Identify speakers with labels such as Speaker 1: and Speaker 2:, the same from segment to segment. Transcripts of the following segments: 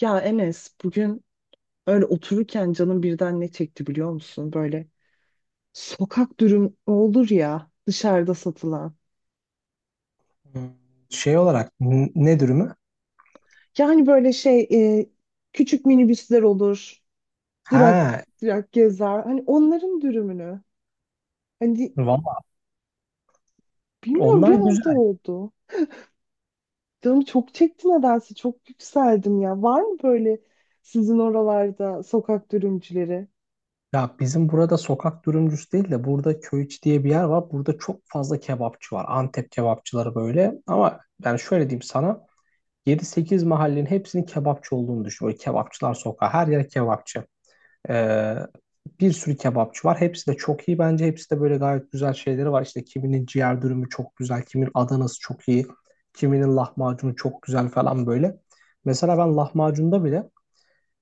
Speaker 1: Ya Enes bugün öyle otururken canım birden ne çekti biliyor musun? Böyle sokak dürüm olur ya dışarıda satılan.
Speaker 2: Hmm, Şey olarak ne dürümü?
Speaker 1: Yani böyle şey e, küçük minibüsler olur. Durak
Speaker 2: Ha,
Speaker 1: durak gezer. Hani onların dürümünü. Hani
Speaker 2: valla
Speaker 1: bilmiyorum bir
Speaker 2: onlar
Speaker 1: anda
Speaker 2: güzel.
Speaker 1: oldu. Canım çok çekti nedense çok yükseldim ya. Var mı böyle sizin oralarda sokak dürümcüleri?
Speaker 2: Ya bizim burada sokak dürümcüsü değil de burada Köyiç diye bir yer var. Burada çok fazla kebapçı var. Antep kebapçıları böyle. Ama ben şöyle diyeyim sana. Yedi sekiz mahallenin hepsinin kebapçı olduğunu düşün. Böyle kebapçılar sokağı. Her yer kebapçı. Ee, Bir sürü kebapçı var. Hepsi de çok iyi bence. Hepsi de böyle gayet güzel şeyleri var. İşte kiminin ciğer dürümü çok güzel, kiminin Adanası çok iyi, kiminin lahmacunu çok güzel falan böyle. Mesela ben lahmacunda bile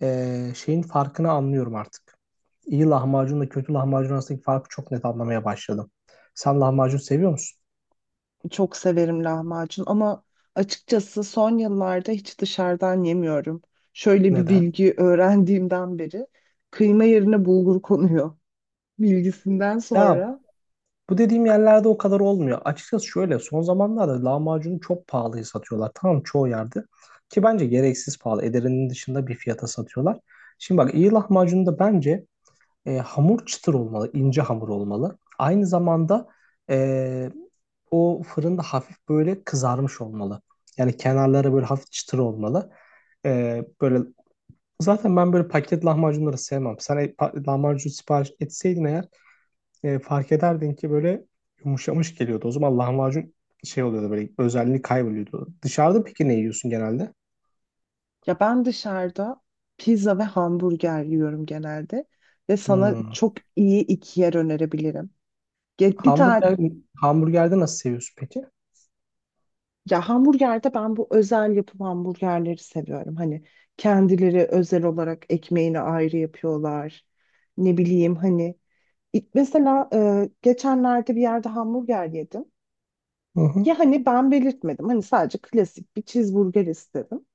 Speaker 2: şeyin farkını anlıyorum artık. İyi lahmacunla kötü lahmacun arasındaki farkı çok net anlamaya başladım. Sen lahmacun seviyor musun?
Speaker 1: Çok severim lahmacun ama açıkçası son yıllarda hiç dışarıdan yemiyorum. Şöyle bir
Speaker 2: Neden?
Speaker 1: bilgi öğrendiğimden beri kıyma yerine bulgur konuyor bilgisinden
Speaker 2: Ya
Speaker 1: sonra.
Speaker 2: bu dediğim yerlerde o kadar olmuyor. Açıkçası şöyle son zamanlarda lahmacunu çok pahalıya satıyorlar. Tamam çoğu yerde. Ki bence gereksiz pahalı. Ederinin dışında bir fiyata satıyorlar. Şimdi bak iyi lahmacun da bence hamur çıtır olmalı. İnce hamur olmalı. Aynı zamanda e, o fırında hafif böyle kızarmış olmalı. Yani kenarları böyle hafif çıtır olmalı. Böyle zaten ben böyle paket lahmacunları sevmem. Sen lahmacun sipariş etseydin eğer fark ederdin ki böyle yumuşamış geliyordu. O zaman lahmacun şey oluyordu böyle, özelliği kayboluyordu. Dışarıda peki ne yiyorsun genelde?
Speaker 1: Ya ben dışarıda pizza ve hamburger yiyorum genelde ve sana
Speaker 2: Hmm.
Speaker 1: çok iyi iki yer önerebilirim. Bir tane
Speaker 2: Hamburger, hamburgerde nasıl seviyorsun peki?
Speaker 1: ya hamburgerde ben bu özel yapım hamburgerleri seviyorum. Hani kendileri özel olarak ekmeğini ayrı yapıyorlar. Ne bileyim hani mesela geçenlerde bir yerde hamburger yedim.
Speaker 2: Hı
Speaker 1: Ya
Speaker 2: hı,
Speaker 1: hani ben belirtmedim. Hani sadece klasik bir cheeseburger istedim.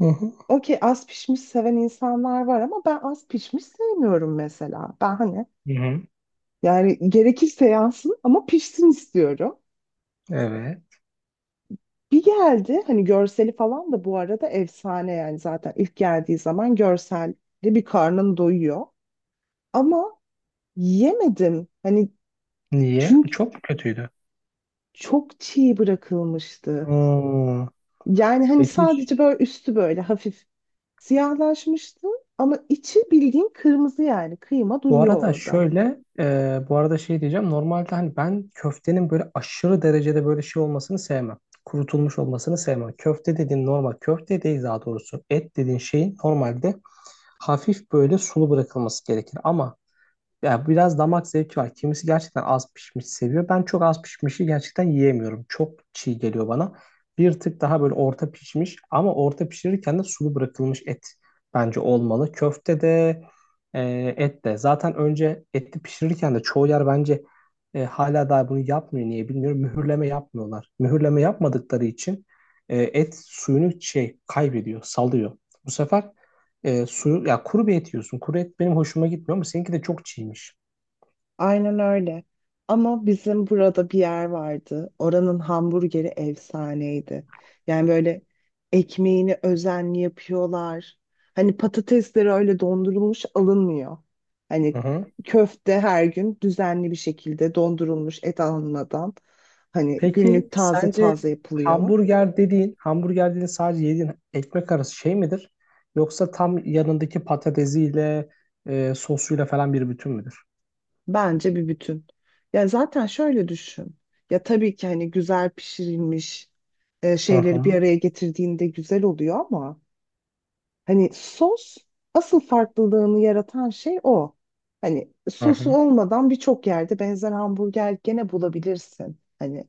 Speaker 2: hı hı.
Speaker 1: Okey, az pişmiş seven insanlar var ama ben az pişmiş sevmiyorum mesela. Ben hani
Speaker 2: Hı hı.
Speaker 1: yani gerekirse yansın ama pişsin istiyorum.
Speaker 2: Evet.
Speaker 1: Bir geldi, hani görseli falan da bu arada efsane, yani zaten ilk geldiği zaman görselde bir karnın doyuyor. Ama yemedim. Hani
Speaker 2: Niye?
Speaker 1: çünkü
Speaker 2: Çok mu kötüydü?
Speaker 1: çok çiğ bırakılmıştı.
Speaker 2: Hmm.
Speaker 1: Yani hani
Speaker 2: Peki
Speaker 1: sadece böyle üstü böyle hafif siyahlaşmıştı ama içi bildiğin kırmızı, yani kıyma
Speaker 2: bu
Speaker 1: duruyor
Speaker 2: arada
Speaker 1: orada.
Speaker 2: şöyle, bu arada şey diyeceğim. Normalde hani ben köftenin böyle aşırı derecede böyle şey olmasını sevmem. Kurutulmuş olmasını sevmem. Köfte dediğin normal, köfte değil daha doğrusu. Et dediğin şeyin normalde hafif böyle sulu bırakılması gerekir. Ama ya biraz damak zevki var. Kimisi gerçekten az pişmiş seviyor. Ben çok az pişmişi gerçekten yiyemiyorum. Çok çiğ geliyor bana. Bir tık daha böyle orta pişmiş ama orta pişirirken de sulu bırakılmış et bence olmalı. Köfte de e, et de. Zaten önce eti pişirirken de çoğu yer bence hala daha bunu yapmıyor. Niye bilmiyorum. Mühürleme yapmıyorlar. Mühürleme yapmadıkları için et suyunu şey kaybediyor, salıyor. Bu sefer suyu ya kuru bir et yiyorsun. Kuru et benim hoşuma gitmiyor ama seninki de çok çiğmiş.
Speaker 1: Aynen öyle. Ama bizim burada bir yer vardı. Oranın hamburgeri efsaneydi. Yani böyle ekmeğini özenli yapıyorlar. Hani patatesleri öyle dondurulmuş alınmıyor.
Speaker 2: Hı
Speaker 1: Hani
Speaker 2: hı.
Speaker 1: köfte her gün düzenli bir şekilde dondurulmuş et alınmadan. Hani günlük
Speaker 2: Peki
Speaker 1: taze
Speaker 2: sence
Speaker 1: taze yapılıyor.
Speaker 2: hamburger dediğin, hamburger dediğin sadece yediğin ekmek arası şey midir? Yoksa tam yanındaki patatesiyle, sosuyla falan bir bütün müdür?
Speaker 1: Bence bir bütün. Ya zaten şöyle düşün. Ya tabii ki hani güzel pişirilmiş
Speaker 2: Hı
Speaker 1: şeyleri bir
Speaker 2: hı.
Speaker 1: araya getirdiğinde güzel oluyor ama hani sos asıl farklılığını yaratan şey o. Hani
Speaker 2: Hı
Speaker 1: sosu
Speaker 2: hı.
Speaker 1: olmadan birçok yerde benzer hamburger gene bulabilirsin. Hani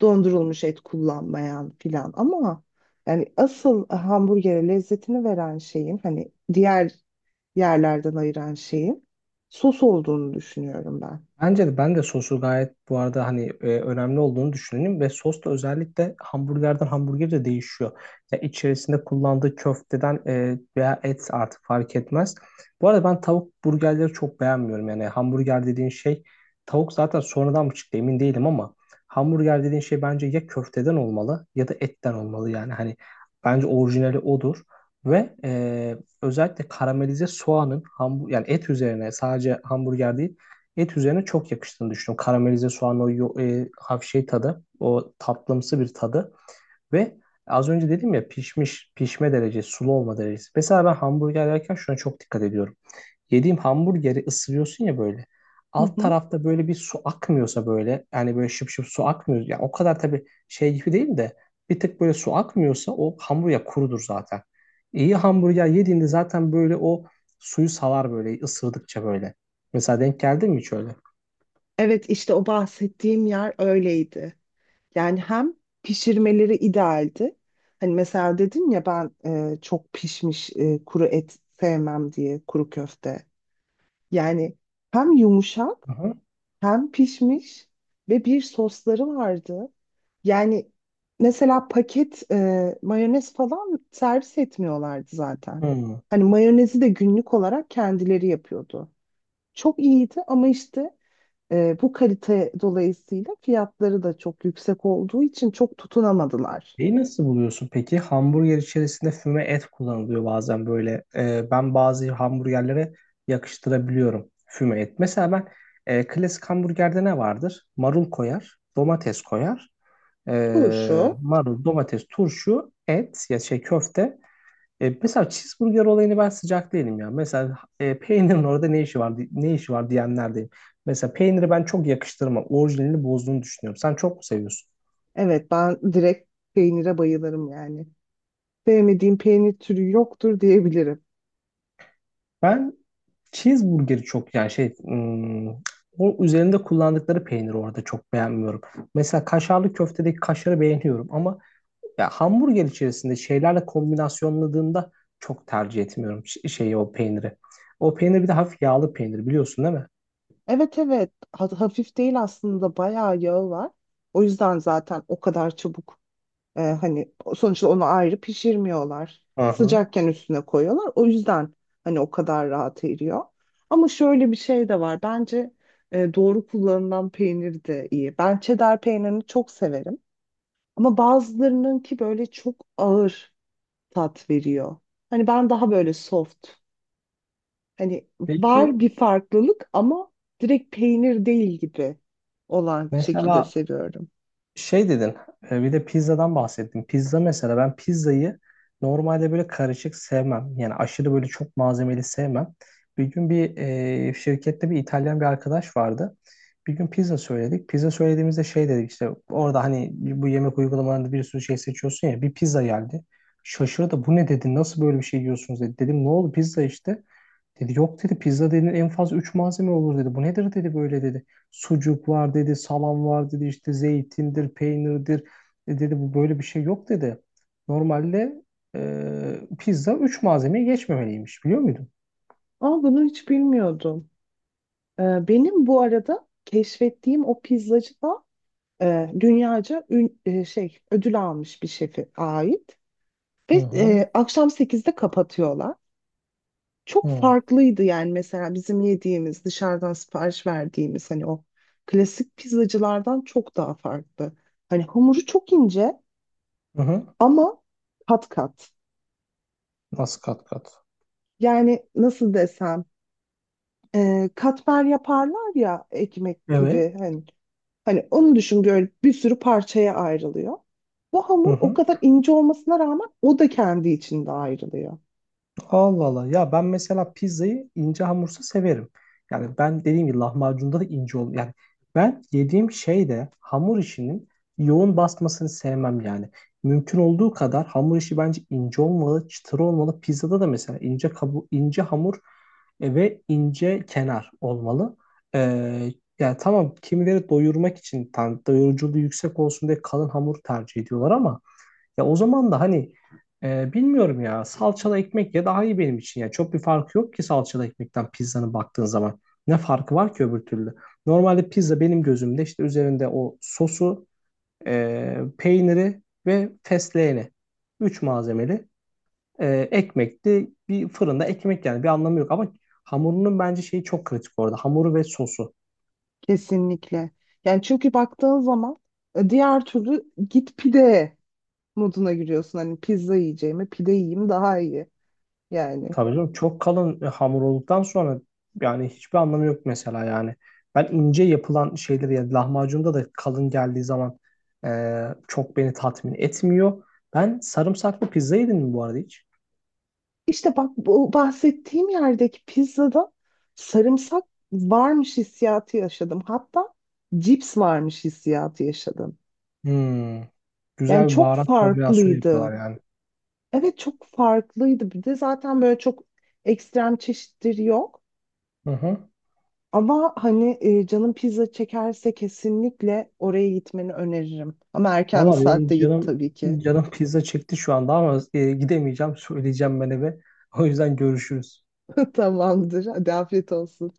Speaker 1: dondurulmuş et kullanmayan filan ama yani asıl hamburgere lezzetini veren şeyin, hani diğer yerlerden ayıran şeyin sos olduğunu düşünüyorum ben.
Speaker 2: Bence de ben de sosu gayet bu arada hani önemli olduğunu düşünüyorum ve sos da özellikle hamburgerden hamburger de değişiyor. Ya içerisinde kullandığı köfteden veya et artık fark etmez. Bu arada ben tavuk burgerleri çok beğenmiyorum. Yani hamburger dediğin şey tavuk zaten sonradan mı çıktı emin değilim, ama hamburger dediğin şey bence ya köfteden olmalı ya da etten olmalı, yani hani bence orijinali odur. Ve özellikle karamelize soğanın yani et üzerine sadece hamburger değil, et üzerine çok yakıştığını düşünüyorum. Karamelize soğan o hafif şey tadı, o tatlımsı bir tadı ve az önce dedim ya pişmiş, pişme derecesi, sulu olma derecesi. Mesela ben hamburger yerken şuna çok dikkat ediyorum. Yediğim hamburgeri ısırıyorsun ya böyle.
Speaker 1: Hı
Speaker 2: Alt
Speaker 1: hı.
Speaker 2: tarafta böyle bir su akmıyorsa böyle, yani böyle şıp şıp su akmıyor. Yani o kadar tabii şey gibi değil de bir tık böyle su akmıyorsa o hamburger kurudur zaten. İyi hamburger yediğinde zaten böyle o suyu salar böyle ısırdıkça böyle. Mesela denk geldi mi hiç öyle?
Speaker 1: Evet, işte o bahsettiğim yer öyleydi. Yani hem pişirmeleri idealdi. Hani mesela dedim ya ben çok pişmiş kuru et sevmem diye, kuru köfte. Yani hem yumuşak,
Speaker 2: Aha.
Speaker 1: hem pişmiş ve bir sosları vardı. Yani mesela paket mayonez falan servis etmiyorlardı zaten.
Speaker 2: Hmm.
Speaker 1: Hani mayonezi de günlük olarak kendileri yapıyordu. Çok iyiydi ama işte bu kalite dolayısıyla fiyatları da çok yüksek olduğu için çok tutunamadılar.
Speaker 2: Şeyi nasıl buluyorsun peki? Hamburger içerisinde füme et kullanılıyor bazen böyle. Ben bazı hamburgerlere yakıştırabiliyorum füme et. Mesela ben klasik hamburgerde ne vardır? Marul koyar, domates koyar.
Speaker 1: Turşu,
Speaker 2: Marul, domates, turşu, et ya şey köfte. Mesela cheeseburger olayını ben sıcak değilim ya. Mesela peynirin orada ne işi var ne işi var diyenlerdeyim. Mesela peyniri ben çok yakıştırmam. Orijinalini bozduğunu düşünüyorum. Sen çok mu seviyorsun?
Speaker 1: evet, ben direkt peynire bayılırım yani. Sevmediğim peynir türü yoktur diyebilirim.
Speaker 2: Ben cheeseburgeri çok yani şey o üzerinde kullandıkları peyniri orada çok beğenmiyorum. Mesela kaşarlı köftedeki kaşarı beğeniyorum ama ya hamburger içerisinde şeylerle kombinasyonladığında çok tercih etmiyorum şeyi, o peyniri. O peynir bir de hafif yağlı peynir biliyorsun değil mi?
Speaker 1: Evet, evet. Hafif değil aslında, bayağı yağı var. O yüzden zaten o kadar çabuk. Hani sonuçta onu ayrı pişirmiyorlar.
Speaker 2: Aha.
Speaker 1: Sıcakken üstüne koyuyorlar. O yüzden hani o kadar rahat eriyor. Ama şöyle bir şey de var. Bence doğru kullanılan peynir de iyi. Ben cheddar peynirini çok severim. Ama bazılarının ki böyle çok ağır tat veriyor. Hani ben daha böyle soft. Hani
Speaker 2: Peki
Speaker 1: var bir farklılık ama direkt peynir değil gibi olan şekilde
Speaker 2: mesela
Speaker 1: seviyorum.
Speaker 2: şey dedin, bir de pizzadan bahsettin. Pizza mesela, ben pizzayı normalde böyle karışık sevmem. Yani aşırı böyle çok malzemeli sevmem. Bir gün bir şirkette bir İtalyan bir arkadaş vardı. Bir gün pizza söyledik. Pizza söylediğimizde şey dedik işte, orada hani bu yemek uygulamalarında bir sürü şey seçiyorsun ya, bir pizza geldi. Şaşırdı, bu ne dedi, nasıl böyle bir şey yiyorsunuz dedi. Dedim ne oldu, pizza işte. Dedi yok dedi, pizza dedi en fazla 3 malzeme olur dedi. Bu nedir dedi böyle dedi. Sucuk var dedi, salam var dedi, işte zeytindir, peynirdir. E dedi, bu böyle bir şey yok dedi. Normalde pizza üç malzemeyi geçmemeliymiş, biliyor muydun?
Speaker 1: Ama bunu hiç bilmiyordum. Benim bu arada keşfettiğim o pizzacı da dünyaca şey, ödül almış bir şefe ait.
Speaker 2: Hı
Speaker 1: Ve
Speaker 2: hı.
Speaker 1: akşam 8'de kapatıyorlar.
Speaker 2: Hı
Speaker 1: Çok
Speaker 2: hı.
Speaker 1: farklıydı yani, mesela bizim yediğimiz, dışarıdan sipariş verdiğimiz hani o klasik pizzacılardan çok daha farklı. Hani hamuru çok ince
Speaker 2: Hı.
Speaker 1: ama kat kat.
Speaker 2: Nasıl kat kat?
Speaker 1: Yani nasıl desem, katmer yaparlar ya ekmek
Speaker 2: Evet.
Speaker 1: gibi, hani hani onu düşün, böyle bir sürü parçaya ayrılıyor. Bu
Speaker 2: Hı
Speaker 1: hamur o
Speaker 2: hı.
Speaker 1: kadar ince olmasına rağmen o da kendi içinde ayrılıyor.
Speaker 2: Allah Allah. Ya ben mesela pizzayı ince hamursa severim. Yani ben dediğim gibi lahmacunda da ince ol. Yani ben yediğim şeyde hamur işinin yoğun basmasını sevmem yani. Mümkün olduğu kadar hamur işi bence ince olmalı, çıtır olmalı. Pizzada da mesela ince ince hamur ve ince kenar olmalı. Ee, Yani tamam, kimileri doyurmak için tam doyuruculuğu yüksek olsun diye kalın hamur tercih ediyorlar ama ya o zaman da hani bilmiyorum ya, salçalı ekmek ya daha iyi benim için ya. Çok bir farkı yok ki salçalı ekmekten pizzanın, baktığın zaman. Ne farkı var ki öbür türlü? Normalde pizza benim gözümde işte üzerinde o sosu, peyniri ve fesleğeni. Üç malzemeli. Ekmekti. Bir fırında ekmek yani, bir anlamı yok ama hamurunun bence şeyi çok kritik orada. Hamuru ve sosu.
Speaker 1: Kesinlikle. Yani çünkü baktığın zaman diğer türlü git pide moduna giriyorsun. Hani pizza yiyeceğime pide yiyeyim daha iyi. Yani
Speaker 2: Tabii canım, çok kalın hamur olduktan sonra yani hiçbir anlamı yok mesela yani. Ben ince yapılan şeyleri, ya lahmacunda da kalın geldiği zaman çok beni tatmin etmiyor. Ben sarımsaklı pizza yedim mi bu arada hiç?
Speaker 1: işte bak, bu bahsettiğim yerdeki pizzada sarımsak varmış hissiyatı yaşadım. Hatta cips varmış hissiyatı yaşadım.
Speaker 2: Hmm.
Speaker 1: Yani
Speaker 2: Güzel bir
Speaker 1: çok
Speaker 2: baharat kombinasyonu yapıyorlar
Speaker 1: farklıydı.
Speaker 2: yani.
Speaker 1: Evet, çok farklıydı. Bir de zaten böyle çok ekstrem çeşitleri yok.
Speaker 2: Hı hı.
Speaker 1: Ama hani canın pizza çekerse kesinlikle oraya gitmeni öneririm. Ama erken bir
Speaker 2: Valla benim
Speaker 1: saatte git
Speaker 2: canım
Speaker 1: tabii ki.
Speaker 2: canım pizza çekti şu anda ama gidemeyeceğim. Söyleyeceğim ben eve. O yüzden görüşürüz.
Speaker 1: Tamamdır. Hadi afiyet olsun.